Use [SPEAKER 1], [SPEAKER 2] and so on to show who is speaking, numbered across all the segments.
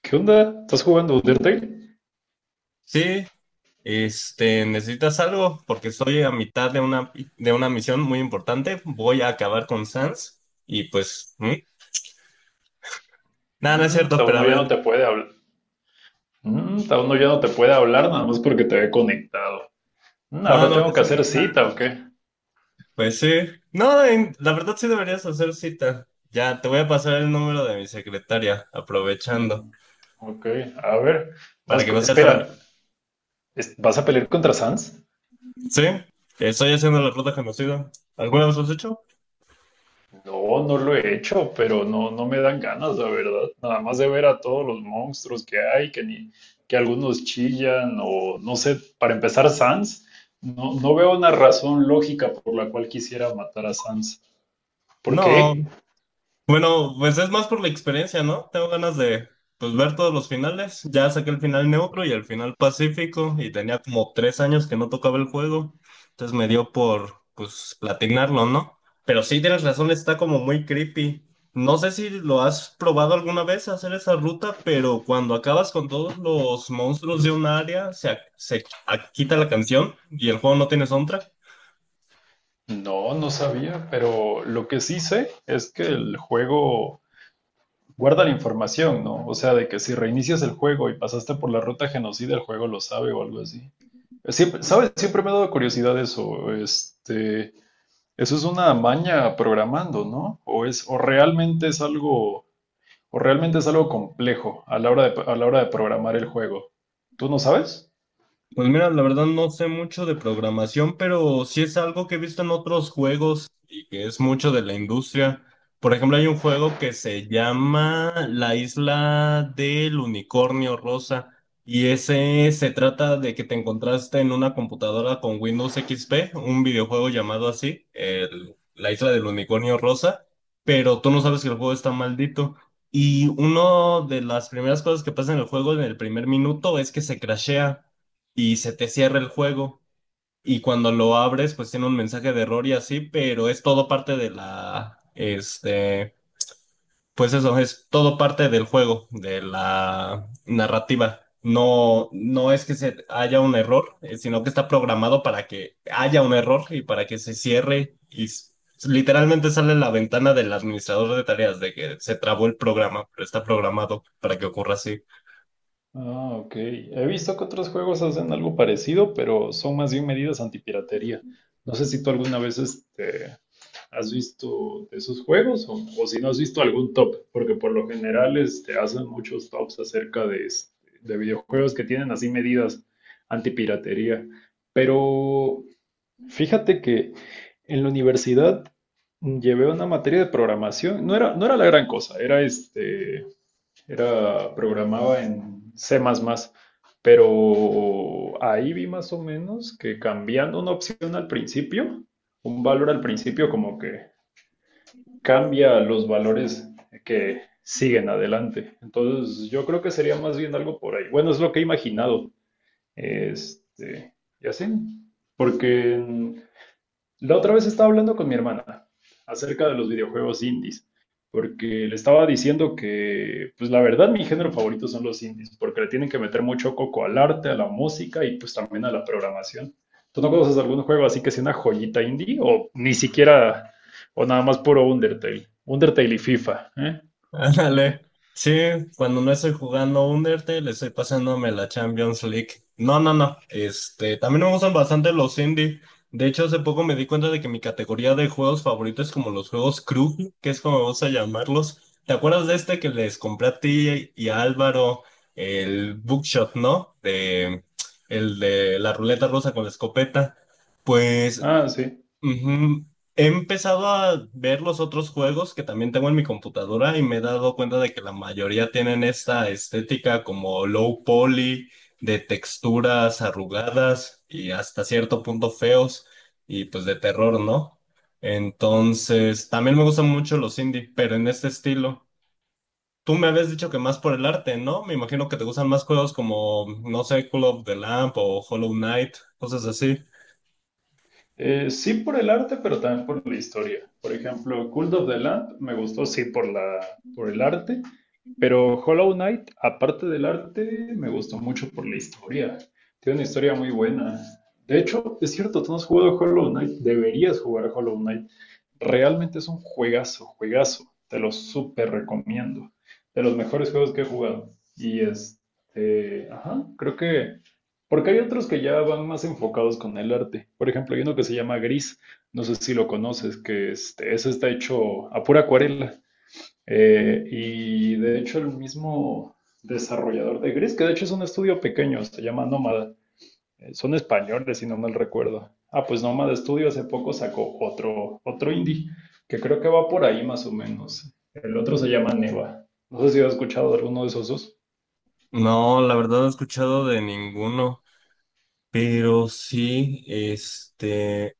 [SPEAKER 1] ¿Qué onda? ¿Estás jugando Undertale?
[SPEAKER 2] Sí, ¿necesitas algo? Porque estoy a mitad de una misión muy importante. Voy a acabar con Sans y pues. ¿Mm? Nada, no es cierto, pero a
[SPEAKER 1] Uno ya no
[SPEAKER 2] ver.
[SPEAKER 1] te puede hablar. Uno ya no te puede hablar nada más porque te ve conectado.
[SPEAKER 2] No,
[SPEAKER 1] Ahora
[SPEAKER 2] no
[SPEAKER 1] tengo que
[SPEAKER 2] pasa
[SPEAKER 1] hacer
[SPEAKER 2] nada.
[SPEAKER 1] cita, ¿o qué?
[SPEAKER 2] Pues sí. No, la verdad sí deberías hacer cita. Ya, te voy a pasar el número de mi secretaria, aprovechando,
[SPEAKER 1] Mm, ok, a ver.
[SPEAKER 2] para que no seas
[SPEAKER 1] Espera,
[SPEAKER 2] tan.
[SPEAKER 1] ¿vas a pelear contra Sans?
[SPEAKER 2] Sí, estoy haciendo la ruta conocida. ¿Alguna vez lo has hecho?
[SPEAKER 1] No, no lo he hecho, pero no, no me dan ganas, la verdad. Nada más de ver a todos los monstruos que hay, que algunos chillan, o no sé, para empezar, Sans. No, no veo una razón lógica por la cual quisiera matar a Sans. ¿Por
[SPEAKER 2] No.
[SPEAKER 1] qué?
[SPEAKER 2] Bueno, pues es más por la experiencia, ¿no? Tengo ganas de pues ver todos los finales. Ya saqué el final neutro y el final pacífico y tenía como 3 años que no tocaba el juego. Entonces me dio por pues platinarlo, ¿no? Pero sí tienes razón, está como muy creepy. No sé si lo has probado alguna vez hacer esa ruta, pero cuando acabas con todos los monstruos de un área, se quita la canción y el juego no tiene soundtrack.
[SPEAKER 1] No, no sabía, pero lo que sí sé es que el juego guarda la información, ¿no? O sea, de que si reinicias el juego y pasaste por la ruta genocida, el juego lo sabe o algo así. Siempre, ¿sabes? Siempre me ha dado curiosidad eso. Este, eso es una maña programando, ¿no? O realmente es algo. O realmente es algo complejo a la hora de programar el juego. ¿Tú no sabes?
[SPEAKER 2] Pues mira, la verdad no sé mucho de programación, pero sí es algo que he visto en otros juegos y que es mucho de la industria. Por ejemplo, hay un juego que se llama La Isla del Unicornio Rosa y ese se trata de que te encontraste en una computadora con Windows XP, un videojuego llamado así, La Isla del Unicornio Rosa, pero tú no sabes que el juego está maldito. Y una de las primeras cosas que pasa en el juego en el primer minuto es que se crashea y se te cierra el juego. Y cuando lo abres, pues tiene un mensaje de error y así, pero es todo parte de la, pues eso, es todo parte del juego, de la narrativa. No, no es que se haya un error, sino que está programado para que haya un error y para que se cierre y literalmente sale la ventana del administrador de tareas de que se trabó el programa, pero está programado para que ocurra así.
[SPEAKER 1] Ah, ok. He visto que otros juegos hacen algo parecido, pero son más bien medidas antipiratería. No sé si tú alguna vez has visto de esos juegos, o si no has visto algún top, porque por lo general hacen muchos tops acerca de, de videojuegos que tienen así medidas antipiratería. Pero fíjate que en la universidad llevé una materia de programación. No era la gran cosa, programaba en C++, pero ahí vi más o menos que cambiando una opción al principio, un valor al principio como que cambia los valores que siguen adelante. Entonces yo creo que sería más bien algo por ahí. Bueno, es lo que he imaginado. Este, ya sé, porque la otra vez estaba hablando con mi hermana acerca de los videojuegos indies, porque le estaba diciendo que, pues la verdad, mi género favorito son los indies, porque le tienen que meter mucho coco al arte, a la música y pues también a la programación. ¿Tú no conoces algún juego así que sea una joyita indie? O ni siquiera, o nada más puro Undertale. Undertale y FIFA, ¿eh?
[SPEAKER 2] Ándale. Sí, cuando no estoy jugando Undertale, estoy pasándome la Champions League. No, no, no. También me gustan bastante los indie. De hecho, hace poco me di cuenta de que mi categoría de juegos favoritos es como los juegos crew, que es como me gusta llamarlos. ¿Te acuerdas de este que les compré a ti y a Álvaro el Bookshot, no? El de la ruleta rosa con la escopeta. Pues.
[SPEAKER 1] Ah, sí.
[SPEAKER 2] Ujú. He empezado a ver los otros juegos que también tengo en mi computadora y me he dado cuenta de que la mayoría tienen esta estética como low poly, de texturas arrugadas y hasta cierto punto feos y pues de terror, ¿no? Entonces, también me gustan mucho los indie, pero en este estilo. Tú me habías dicho que más por el arte, ¿no? Me imagino que te gustan más juegos como, no sé, Call of the Lamp o Hollow Knight, cosas así.
[SPEAKER 1] Sí por el arte, pero también por la historia. Por ejemplo, Cult of the Land me gustó, sí, por el arte, pero Hollow Knight, aparte del arte, me gustó mucho por la historia. Tiene una historia muy buena. De hecho, es cierto, tú no has jugado Hollow Knight, deberías jugar Hollow Knight. Realmente es un juegazo, juegazo. Te lo súper recomiendo. De los mejores juegos que he jugado. Y este, ajá, creo que porque hay otros que ya van más enfocados con el arte. Por ejemplo, hay uno que se llama Gris, no sé si lo conoces, que este, ese está hecho a pura acuarela. Y de hecho el mismo desarrollador de Gris, que de hecho es un estudio pequeño, se llama Nómada. Son españoles, si no mal recuerdo. Ah, pues Nómada Studio hace poco sacó otro indie, que creo que va por ahí más o menos. El otro se llama Neva. No sé si has escuchado de alguno de esos dos.
[SPEAKER 2] No, la verdad no he escuchado de ninguno. Pero sí,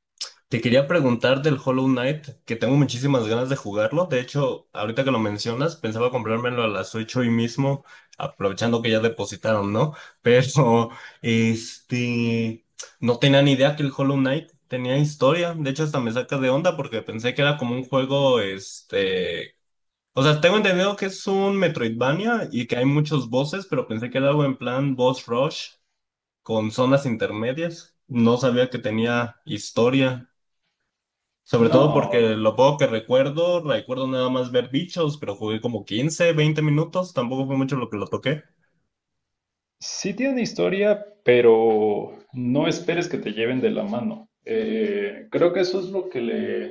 [SPEAKER 2] te quería preguntar del Hollow Knight, que tengo muchísimas ganas de jugarlo. De hecho, ahorita que lo mencionas, pensaba comprármelo a las 8 hoy mismo, aprovechando que ya depositaron, ¿no? Pero, este, no tenía ni idea que el Hollow Knight tenía historia. De hecho, hasta me saca de onda porque pensé que era como un juego, o sea, tengo entendido que es un Metroidvania y que hay muchos bosses, pero pensé que era algo en plan boss rush con zonas intermedias. No sabía que tenía historia, sobre todo porque
[SPEAKER 1] No.
[SPEAKER 2] lo poco que recuerdo, recuerdo nada más ver bichos, pero jugué como 15, 20 minutos, tampoco fue mucho lo que lo toqué.
[SPEAKER 1] Sí tiene historia, pero no esperes que te lleven de la mano. Creo que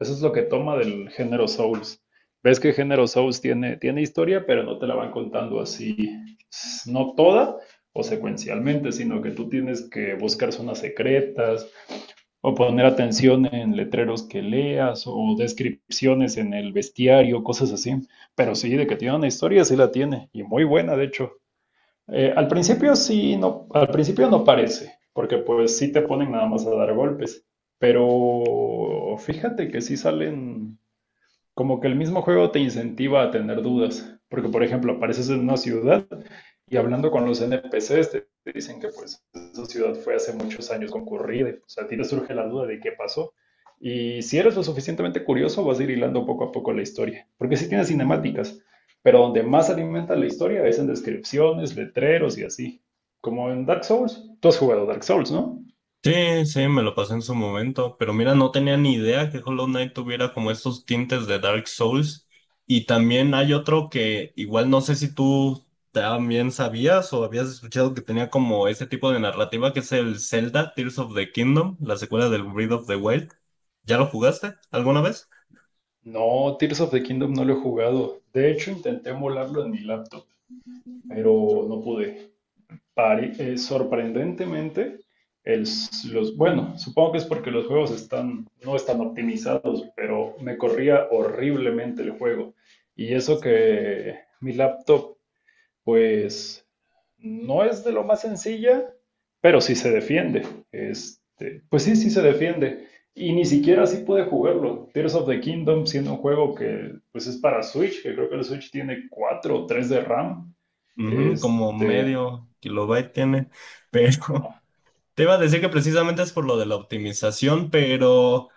[SPEAKER 1] eso es lo que toma del género Souls. Ves que el género Souls tiene historia, pero no te la van contando así, no toda o secuencialmente, sino que tú tienes que buscar zonas secretas o poner atención en letreros que leas o descripciones en el bestiario, cosas así. Pero sí, de que tiene una historia, sí la tiene, y muy buena, de hecho. Al principio sí, no, al principio no parece, porque pues sí te ponen nada más a dar golpes, pero fíjate que sí salen, como que el mismo juego te incentiva a tener dudas, porque por ejemplo apareces en una ciudad y hablando con los NPCs, te dicen que pues esa ciudad fue hace muchos años concurrida. O sea, a ti te surge la duda de qué pasó. Y si eres lo suficientemente curioso, vas a ir hilando poco a poco la historia. Porque sí tiene cinemáticas, pero donde más alimenta la historia es en descripciones, letreros y así. Como en Dark Souls. Tú has jugado Dark Souls, ¿no?
[SPEAKER 2] Sí, sí, me lo pasé en su momento, pero mira, no tenía ni idea que Hollow Knight tuviera como estos tintes de Dark Souls. Y también hay otro que igual no sé si tú también sabías o habías escuchado que tenía como ese tipo de narrativa que es el Zelda Tears of the Kingdom, la secuela del Breath of the Wild. ¿Ya lo jugaste alguna vez?
[SPEAKER 1] No, Tears of the Kingdom no lo he jugado. De hecho, intenté emularlo en mi laptop, pero no pude. Sorprendentemente, bueno, supongo que es porque los juegos están, no están optimizados, pero me corría horriblemente el juego. Y eso que mi laptop, pues, no es de lo más sencilla, pero sí se defiende. Este, pues sí, sí se defiende. Y ni siquiera así pude jugarlo. Tears of the Kingdom, siendo un juego que, pues, es para Switch, que creo que el Switch tiene 4 o 3 de RAM.
[SPEAKER 2] Ujú, como
[SPEAKER 1] Este,
[SPEAKER 2] medio kilobyte tiene, pero te iba a decir que precisamente es por lo de la optimización, pero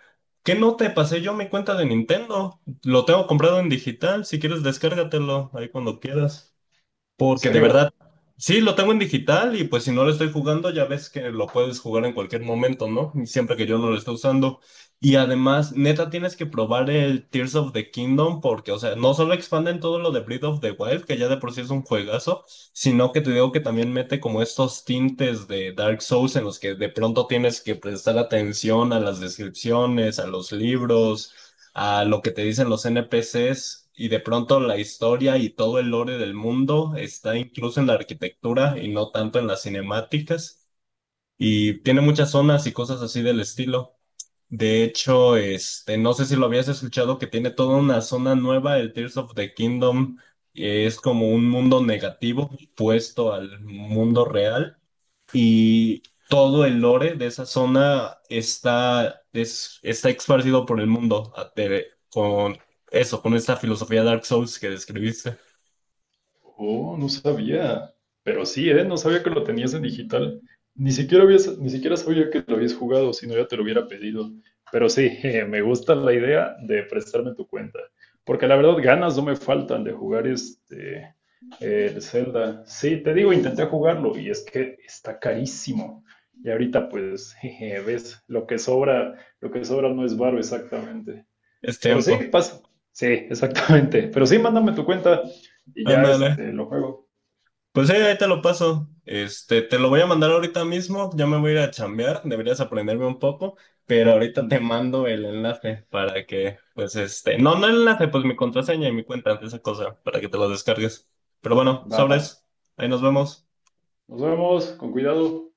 [SPEAKER 2] ¿qué no te pasé yo mi cuenta de Nintendo? Lo tengo comprado en digital, si quieres descárgatelo ahí cuando quieras.
[SPEAKER 1] en
[SPEAKER 2] Porque de
[SPEAKER 1] serio.
[SPEAKER 2] verdad, sí, lo tengo en digital y pues si no lo estoy jugando, ya ves que lo puedes jugar en cualquier momento, ¿no? Y siempre que yo no lo esté usando. Y además, neta, tienes que probar el Tears of the Kingdom porque, o sea, no solo expanden todo lo de Breath of the Wild, que ya de por sí es un juegazo, sino que te digo que también mete como estos tintes de Dark Souls en los que de pronto tienes que prestar atención a las descripciones, a los libros a lo que te dicen los NPCs y de pronto la historia y todo el lore del mundo está incluso en la arquitectura y no tanto en las cinemáticas y tiene muchas zonas y cosas así del estilo. De hecho, no sé si lo habías escuchado que tiene toda una zona nueva, el Tears of the Kingdom, que es como un mundo negativo puesto al mundo real y todo el lore de esa zona está esparcido por el mundo con eso, con esta filosofía Dark Souls que describiste.
[SPEAKER 1] Oh, no sabía. Pero sí, ¿eh? No sabía que lo tenías en digital. Ni siquiera sabía que lo habías jugado, si no ya te lo hubiera pedido. Pero sí, jeje, me gusta la idea de prestarme tu cuenta. Porque la verdad, ganas no me faltan de jugar este el Zelda. Sí, te digo, intenté jugarlo y es que está carísimo. Y ahorita, pues, jeje, ves, lo que sobra no es varo exactamente.
[SPEAKER 2] Es
[SPEAKER 1] Pero sí,
[SPEAKER 2] tiempo.
[SPEAKER 1] pasa. Sí, exactamente. Pero sí, mándame tu cuenta y ya
[SPEAKER 2] Ándale.
[SPEAKER 1] este, lo juego.
[SPEAKER 2] Pues sí, ahí te lo paso. Te lo voy a mandar ahorita mismo. Ya me voy a ir a chambear. Deberías aprenderme un poco, pero ahorita te
[SPEAKER 1] Mm.
[SPEAKER 2] mando el enlace para que, pues no, no el enlace, pues mi contraseña y mi cuenta, esa cosa, para que te lo descargues. Pero bueno,
[SPEAKER 1] Va.
[SPEAKER 2] sobres. Ahí nos vemos.
[SPEAKER 1] Nos vemos, con cuidado.